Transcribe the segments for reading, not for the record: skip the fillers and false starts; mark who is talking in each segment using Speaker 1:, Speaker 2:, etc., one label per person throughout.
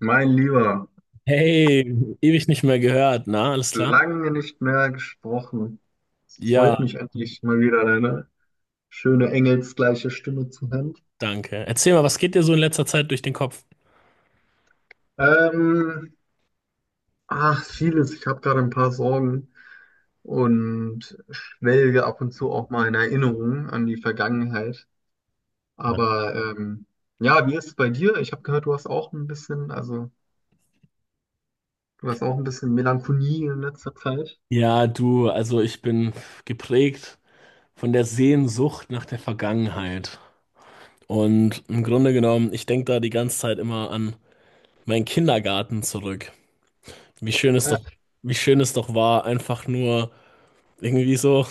Speaker 1: Mein Lieber,
Speaker 2: Hey, ewig nicht mehr gehört, na, alles klar?
Speaker 1: lange nicht mehr gesprochen.
Speaker 2: Ja,
Speaker 1: Freut mich, endlich mal wieder deine schöne engelsgleiche Stimme zu hören.
Speaker 2: danke. Erzähl mal, was geht dir so in letzter Zeit durch den Kopf?
Speaker 1: Ähm, Ach, vieles. Ich habe gerade ein paar Sorgen und schwelge ab und zu auch mal in Erinnerungen an die Vergangenheit. Aber ja, wie ist es bei dir? Ich habe gehört, du hast auch ein bisschen, also du hast auch ein bisschen Melancholie in letzter Zeit.
Speaker 2: Ja, du, also ich bin geprägt von der Sehnsucht nach der Vergangenheit. Und im Grunde genommen, ich denke da die ganze Zeit immer an meinen Kindergarten zurück. Wie schön es doch,
Speaker 1: Ach,
Speaker 2: Wie schön es doch war, einfach nur irgendwie so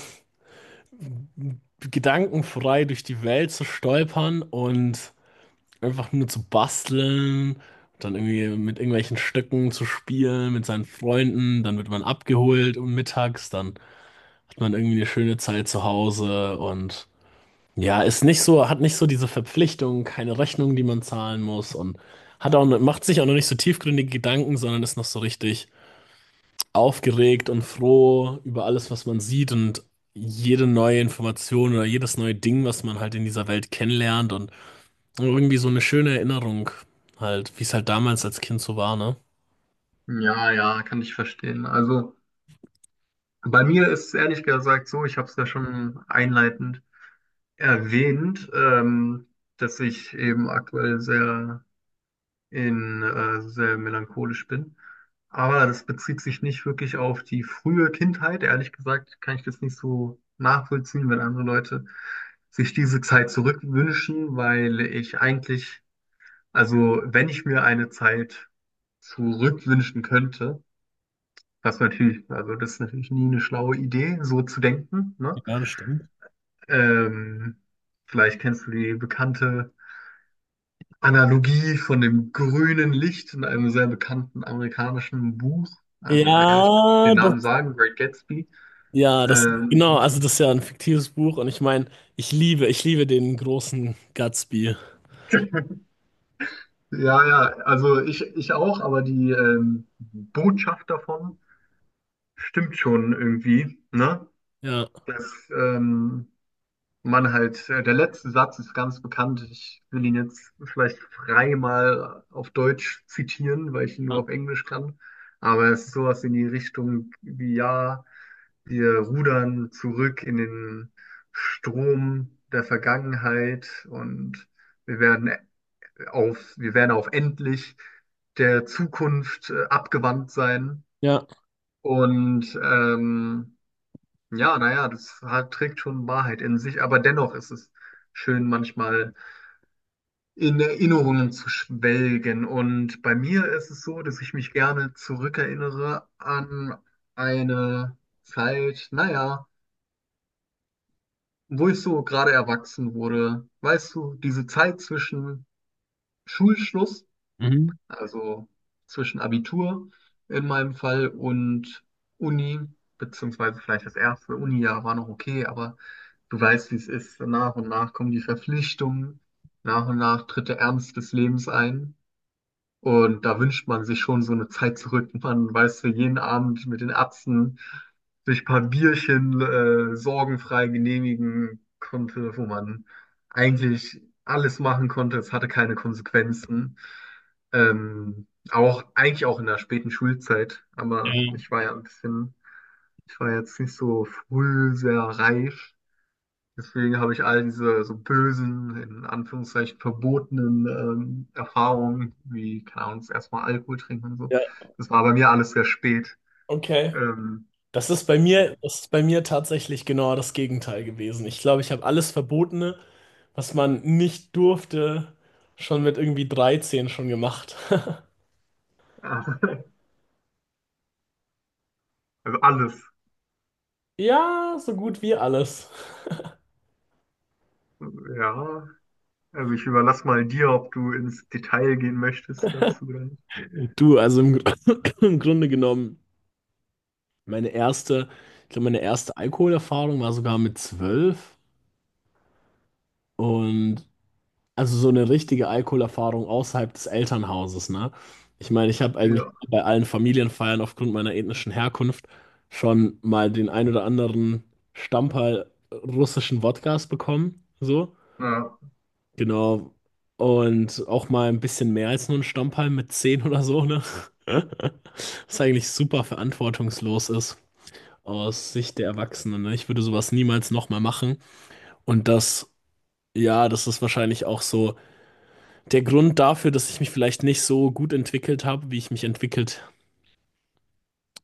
Speaker 2: gedankenfrei durch die Welt zu stolpern und einfach nur zu basteln, dann irgendwie mit irgendwelchen Stöcken zu spielen, mit seinen Freunden, dann wird man abgeholt um mittags, dann hat man irgendwie eine schöne Zeit zu Hause und ja, ist nicht so, hat nicht so diese Verpflichtung, keine Rechnung, die man zahlen muss und hat auch, macht sich auch noch nicht so tiefgründige Gedanken, sondern ist noch so richtig aufgeregt und froh über alles, was man sieht und jede neue Information oder jedes neue Ding, was man halt in dieser Welt kennenlernt und Irgendwie so eine schöne Erinnerung halt, wie es halt damals als Kind so war, ne?
Speaker 1: ja, ja, kann ich verstehen. Also bei mir ist es ehrlich gesagt so, ich habe es ja schon einleitend erwähnt, dass ich eben aktuell sehr in sehr melancholisch bin. Aber das bezieht sich nicht wirklich auf die frühe Kindheit. Ehrlich gesagt kann ich das nicht so nachvollziehen, wenn andere Leute sich diese Zeit zurückwünschen, weil ich eigentlich, also wenn ich mir eine Zeit zurückwünschen könnte, was natürlich, also das ist natürlich nie eine schlaue Idee, so zu denken, ne?
Speaker 2: Ja, das stimmt.
Speaker 1: Ähm, Vielleicht kennst du die bekannte Analogie von dem grünen Licht in einem sehr bekannten amerikanischen Buch. Also, naja, ich kann
Speaker 2: Ja,
Speaker 1: den Namen
Speaker 2: das,
Speaker 1: sagen, Great Gatsby. Ähm,
Speaker 2: also das ist ja ein fiktives Buch und ich meine, ich liebe den großen Gatsby.
Speaker 1: ja, ja, also ich auch, aber die Botschaft davon stimmt schon irgendwie, ne?
Speaker 2: Ja,
Speaker 1: Dass man halt, der letzte Satz ist ganz bekannt. Ich will ihn jetzt vielleicht frei mal auf Deutsch zitieren, weil ich ihn nur auf Englisch kann. Aber es ist sowas in die Richtung wie, ja, wir rudern zurück in den Strom der Vergangenheit und wir werden wir werden auf endlich der Zukunft abgewandt sein.
Speaker 2: ja.
Speaker 1: Und ja, naja, das hat, trägt schon Wahrheit in sich, aber dennoch ist es schön, manchmal in Erinnerungen zu schwelgen. Und bei mir ist es so, dass ich mich gerne zurückerinnere an eine Zeit, naja, wo ich so gerade erwachsen wurde, weißt du, diese Zeit zwischen Schulschluss,
Speaker 2: Mhm.
Speaker 1: also zwischen Abitur in meinem Fall und Uni, beziehungsweise vielleicht das erste Uni-Jahr war noch okay, aber du weißt, wie es ist. Nach und nach kommen die Verpflichtungen, nach und nach tritt der Ernst des Lebens ein. Und da wünscht man sich schon so eine Zeit zurück. Man weiß, für jeden Abend mit den Erbsen sich ein paar Bierchen sorgenfrei genehmigen konnte, wo man eigentlich alles machen konnte. Es hatte keine Konsequenzen. Auch eigentlich auch in der späten Schulzeit. Aber
Speaker 2: Ja,
Speaker 1: ich war ja ein bisschen, ich war jetzt nicht so früh sehr reif. Deswegen habe ich all diese so bösen, in Anführungszeichen verbotenen Erfahrungen, wie, keine Ahnung, das erste Mal Alkohol trinken und so.
Speaker 2: ja,
Speaker 1: Das war bei mir alles sehr spät.
Speaker 2: okay.
Speaker 1: Ähm,
Speaker 2: Das ist bei
Speaker 1: ja.
Speaker 2: mir, das ist bei mir tatsächlich genau das Gegenteil gewesen. Ich glaube, ich habe alles Verbotene, was man nicht durfte, schon mit irgendwie 13 schon gemacht.
Speaker 1: Also alles.
Speaker 2: Ja, so gut wie alles.
Speaker 1: Ja. Also ich überlasse mal dir, ob du ins Detail gehen möchtest dazu oder nicht.
Speaker 2: Du, also im Grunde genommen, meine erste, ich glaube, meine erste Alkoholerfahrung war sogar mit 12 und also so eine richtige Alkoholerfahrung außerhalb des Elternhauses, ne? Ich meine, ich habe eigentlich
Speaker 1: Ja.
Speaker 2: bei allen Familienfeiern aufgrund meiner ethnischen Herkunft schon mal den ein oder anderen Stamperl russischen Wodkas bekommen, so,
Speaker 1: Ja.
Speaker 2: genau. Und auch mal ein bisschen mehr als nur ein Stamperl mit 10 oder so, ne? Was eigentlich super verantwortungslos ist, aus Sicht der Erwachsenen. Ne? Ich würde sowas niemals nochmal machen. Und das, ja, das ist wahrscheinlich auch so der Grund dafür, dass ich mich vielleicht nicht so gut entwickelt habe, wie ich mich entwickelt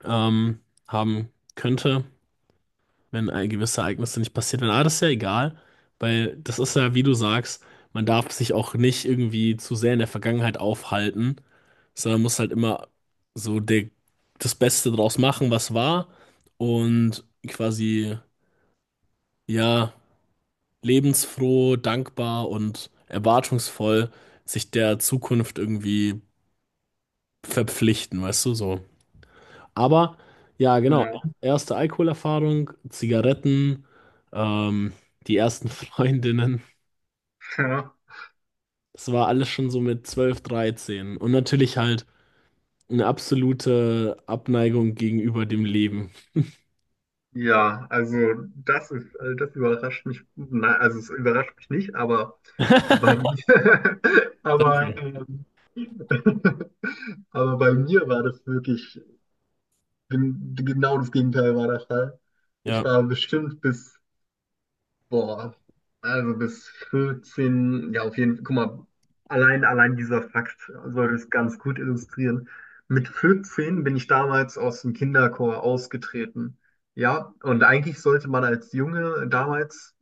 Speaker 2: ähm, haben könnte, wenn gewisse Ereignisse nicht passiert wären. Aber das ist ja egal, weil das ist ja, wie du sagst, man darf sich auch nicht irgendwie zu sehr in der Vergangenheit aufhalten, sondern muss halt immer so der, das Beste draus machen, was war und quasi, ja, lebensfroh, dankbar und erwartungsvoll sich der Zukunft irgendwie verpflichten, weißt du, so. Aber ja, genau,
Speaker 1: Ja.
Speaker 2: erste Alkoholerfahrung, Zigaretten, ähm, die ersten Freundinnen,
Speaker 1: Ja.
Speaker 2: das war alles schon so mit 12, 13 und natürlich halt eine absolute Abneigung gegenüber dem Leben.
Speaker 1: Ja, also das ist, das überrascht mich, nein, also es überrascht mich nicht, aber bei mir, aber,
Speaker 2: Danke.
Speaker 1: aber bei mir war das wirklich, genau das Gegenteil war der Fall. Ich
Speaker 2: Ja,
Speaker 1: war bestimmt bis Boah, also bis 14, ja auf jeden Fall, guck mal, allein dieser Fakt soll es ganz gut illustrieren. Mit 14 bin ich damals aus dem Kinderchor ausgetreten. Ja, und eigentlich sollte man als Junge, damals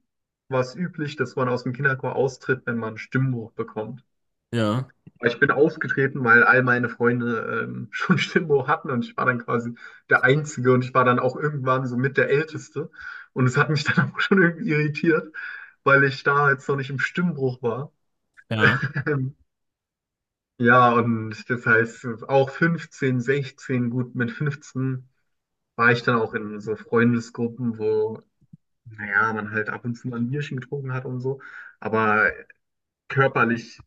Speaker 1: war es üblich, dass man aus dem Kinderchor austritt, wenn man einen Stimmbruch bekommt.
Speaker 2: ja,
Speaker 1: Aber ich bin aufgetreten, weil all meine Freunde schon Stimmbruch hatten, und ich war dann quasi der Einzige, und ich war dann auch irgendwann so mit der Älteste. Und es hat mich dann auch schon irgendwie irritiert, weil ich da jetzt noch nicht im Stimmbruch war.
Speaker 2: ja,
Speaker 1: Ähm, ja, und das heißt, auch 15, 16, gut, mit 15 war ich dann auch in so Freundesgruppen, wo, naja, man halt ab und zu mal ein Bierchen getrunken hat und so. Aber körperlich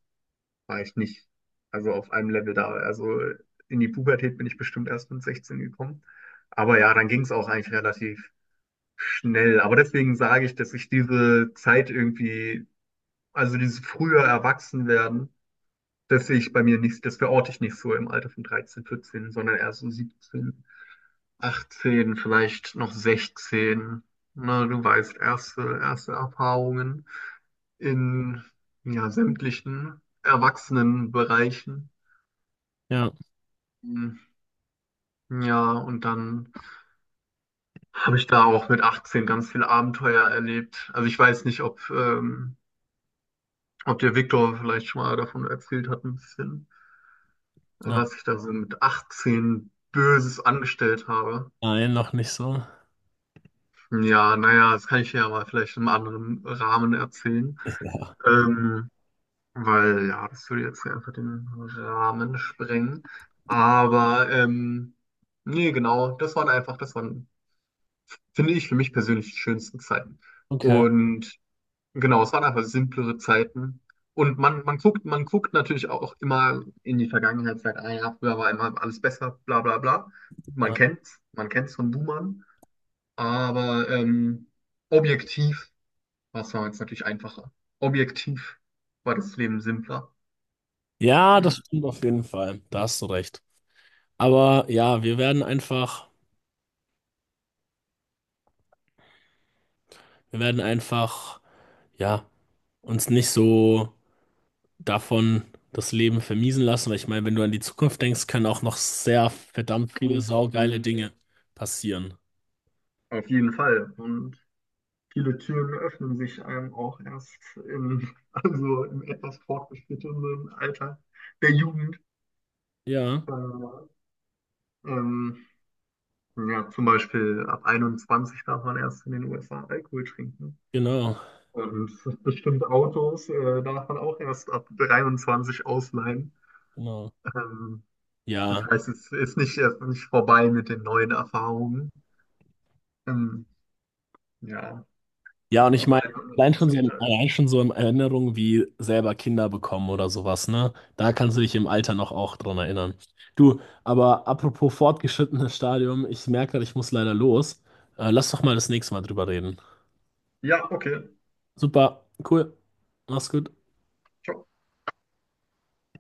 Speaker 1: war ich nicht, also auf einem Level da. Also in die Pubertät bin ich bestimmt erst mit 16 gekommen. Aber ja, dann ging es auch eigentlich relativ schnell. Aber deswegen sage ich, dass ich diese Zeit irgendwie, also dieses frühe Erwachsenwerden, das sehe ich bei mir nicht, das verorte ich nicht so im Alter von 13, 14, sondern eher so 17, 18, vielleicht noch 16. Na, du weißt, erste Erfahrungen in ja, sämtlichen Erwachsenenbereichen.
Speaker 2: ja,
Speaker 1: Ja, und dann habe ich da auch mit 18 ganz viele Abenteuer erlebt. Also ich weiß nicht, ob, ob der Viktor vielleicht schon mal davon erzählt hat, ein bisschen,
Speaker 2: ja.
Speaker 1: was ich da so mit 18 Böses angestellt habe.
Speaker 2: Nein, noch nicht so.
Speaker 1: Ja, naja, das kann ich ja mal vielleicht im anderen Rahmen erzählen. Ähm, weil ja, das würde jetzt einfach den Rahmen sprengen. Aber nee, genau, das waren, finde ich, für mich persönlich die schönsten Zeiten.
Speaker 2: Okay.
Speaker 1: Und genau, es waren einfach simplere Zeiten. Und man guckt natürlich auch immer in die Vergangenheit, sagt, ah ja, früher war immer alles besser, bla bla bla.
Speaker 2: Ja.
Speaker 1: Man kennt's von Boomern. Aber objektiv war es damals natürlich einfacher. Objektiv war das Leben simpler.
Speaker 2: Ja,
Speaker 1: Mhm.
Speaker 2: das stimmt auf jeden Fall. Da hast du recht. Aber ja, wir werden einfach, ja, uns nicht so davon das Leben vermiesen lassen, weil ich meine, wenn du an die Zukunft denkst, können auch noch sehr verdammt viele saugeile Dinge passieren.
Speaker 1: Auf jeden Fall. Und viele Türen öffnen sich einem auch erst im, also im etwas fortgeschrittenen Alter der Jugend.
Speaker 2: Ja,
Speaker 1: Äh, ähm, Ja, zum Beispiel ab 21 darf man erst in den USA Alkohol trinken.
Speaker 2: genau,
Speaker 1: Und bestimmte Autos darf man auch erst ab 23 ausleihen.
Speaker 2: genau.
Speaker 1: Ähm, das
Speaker 2: Ja.
Speaker 1: heißt, es ist nicht, erst nicht vorbei mit den neuen Erfahrungen. Ähm, ja,
Speaker 2: Ja, und ich meine,
Speaker 1: sobald man etwas älter ist.
Speaker 2: allein schon so in Erinnerung wie selber Kinder bekommen oder sowas, ne? Da kannst du dich im Alter noch auch dran erinnern. Du, aber apropos fortgeschrittenes Stadium, ich merke gerade, ich muss leider los. Lass doch mal das nächste Mal drüber reden.
Speaker 1: Ja, okay.
Speaker 2: Super, cool. Mach's gut.
Speaker 1: Ciao.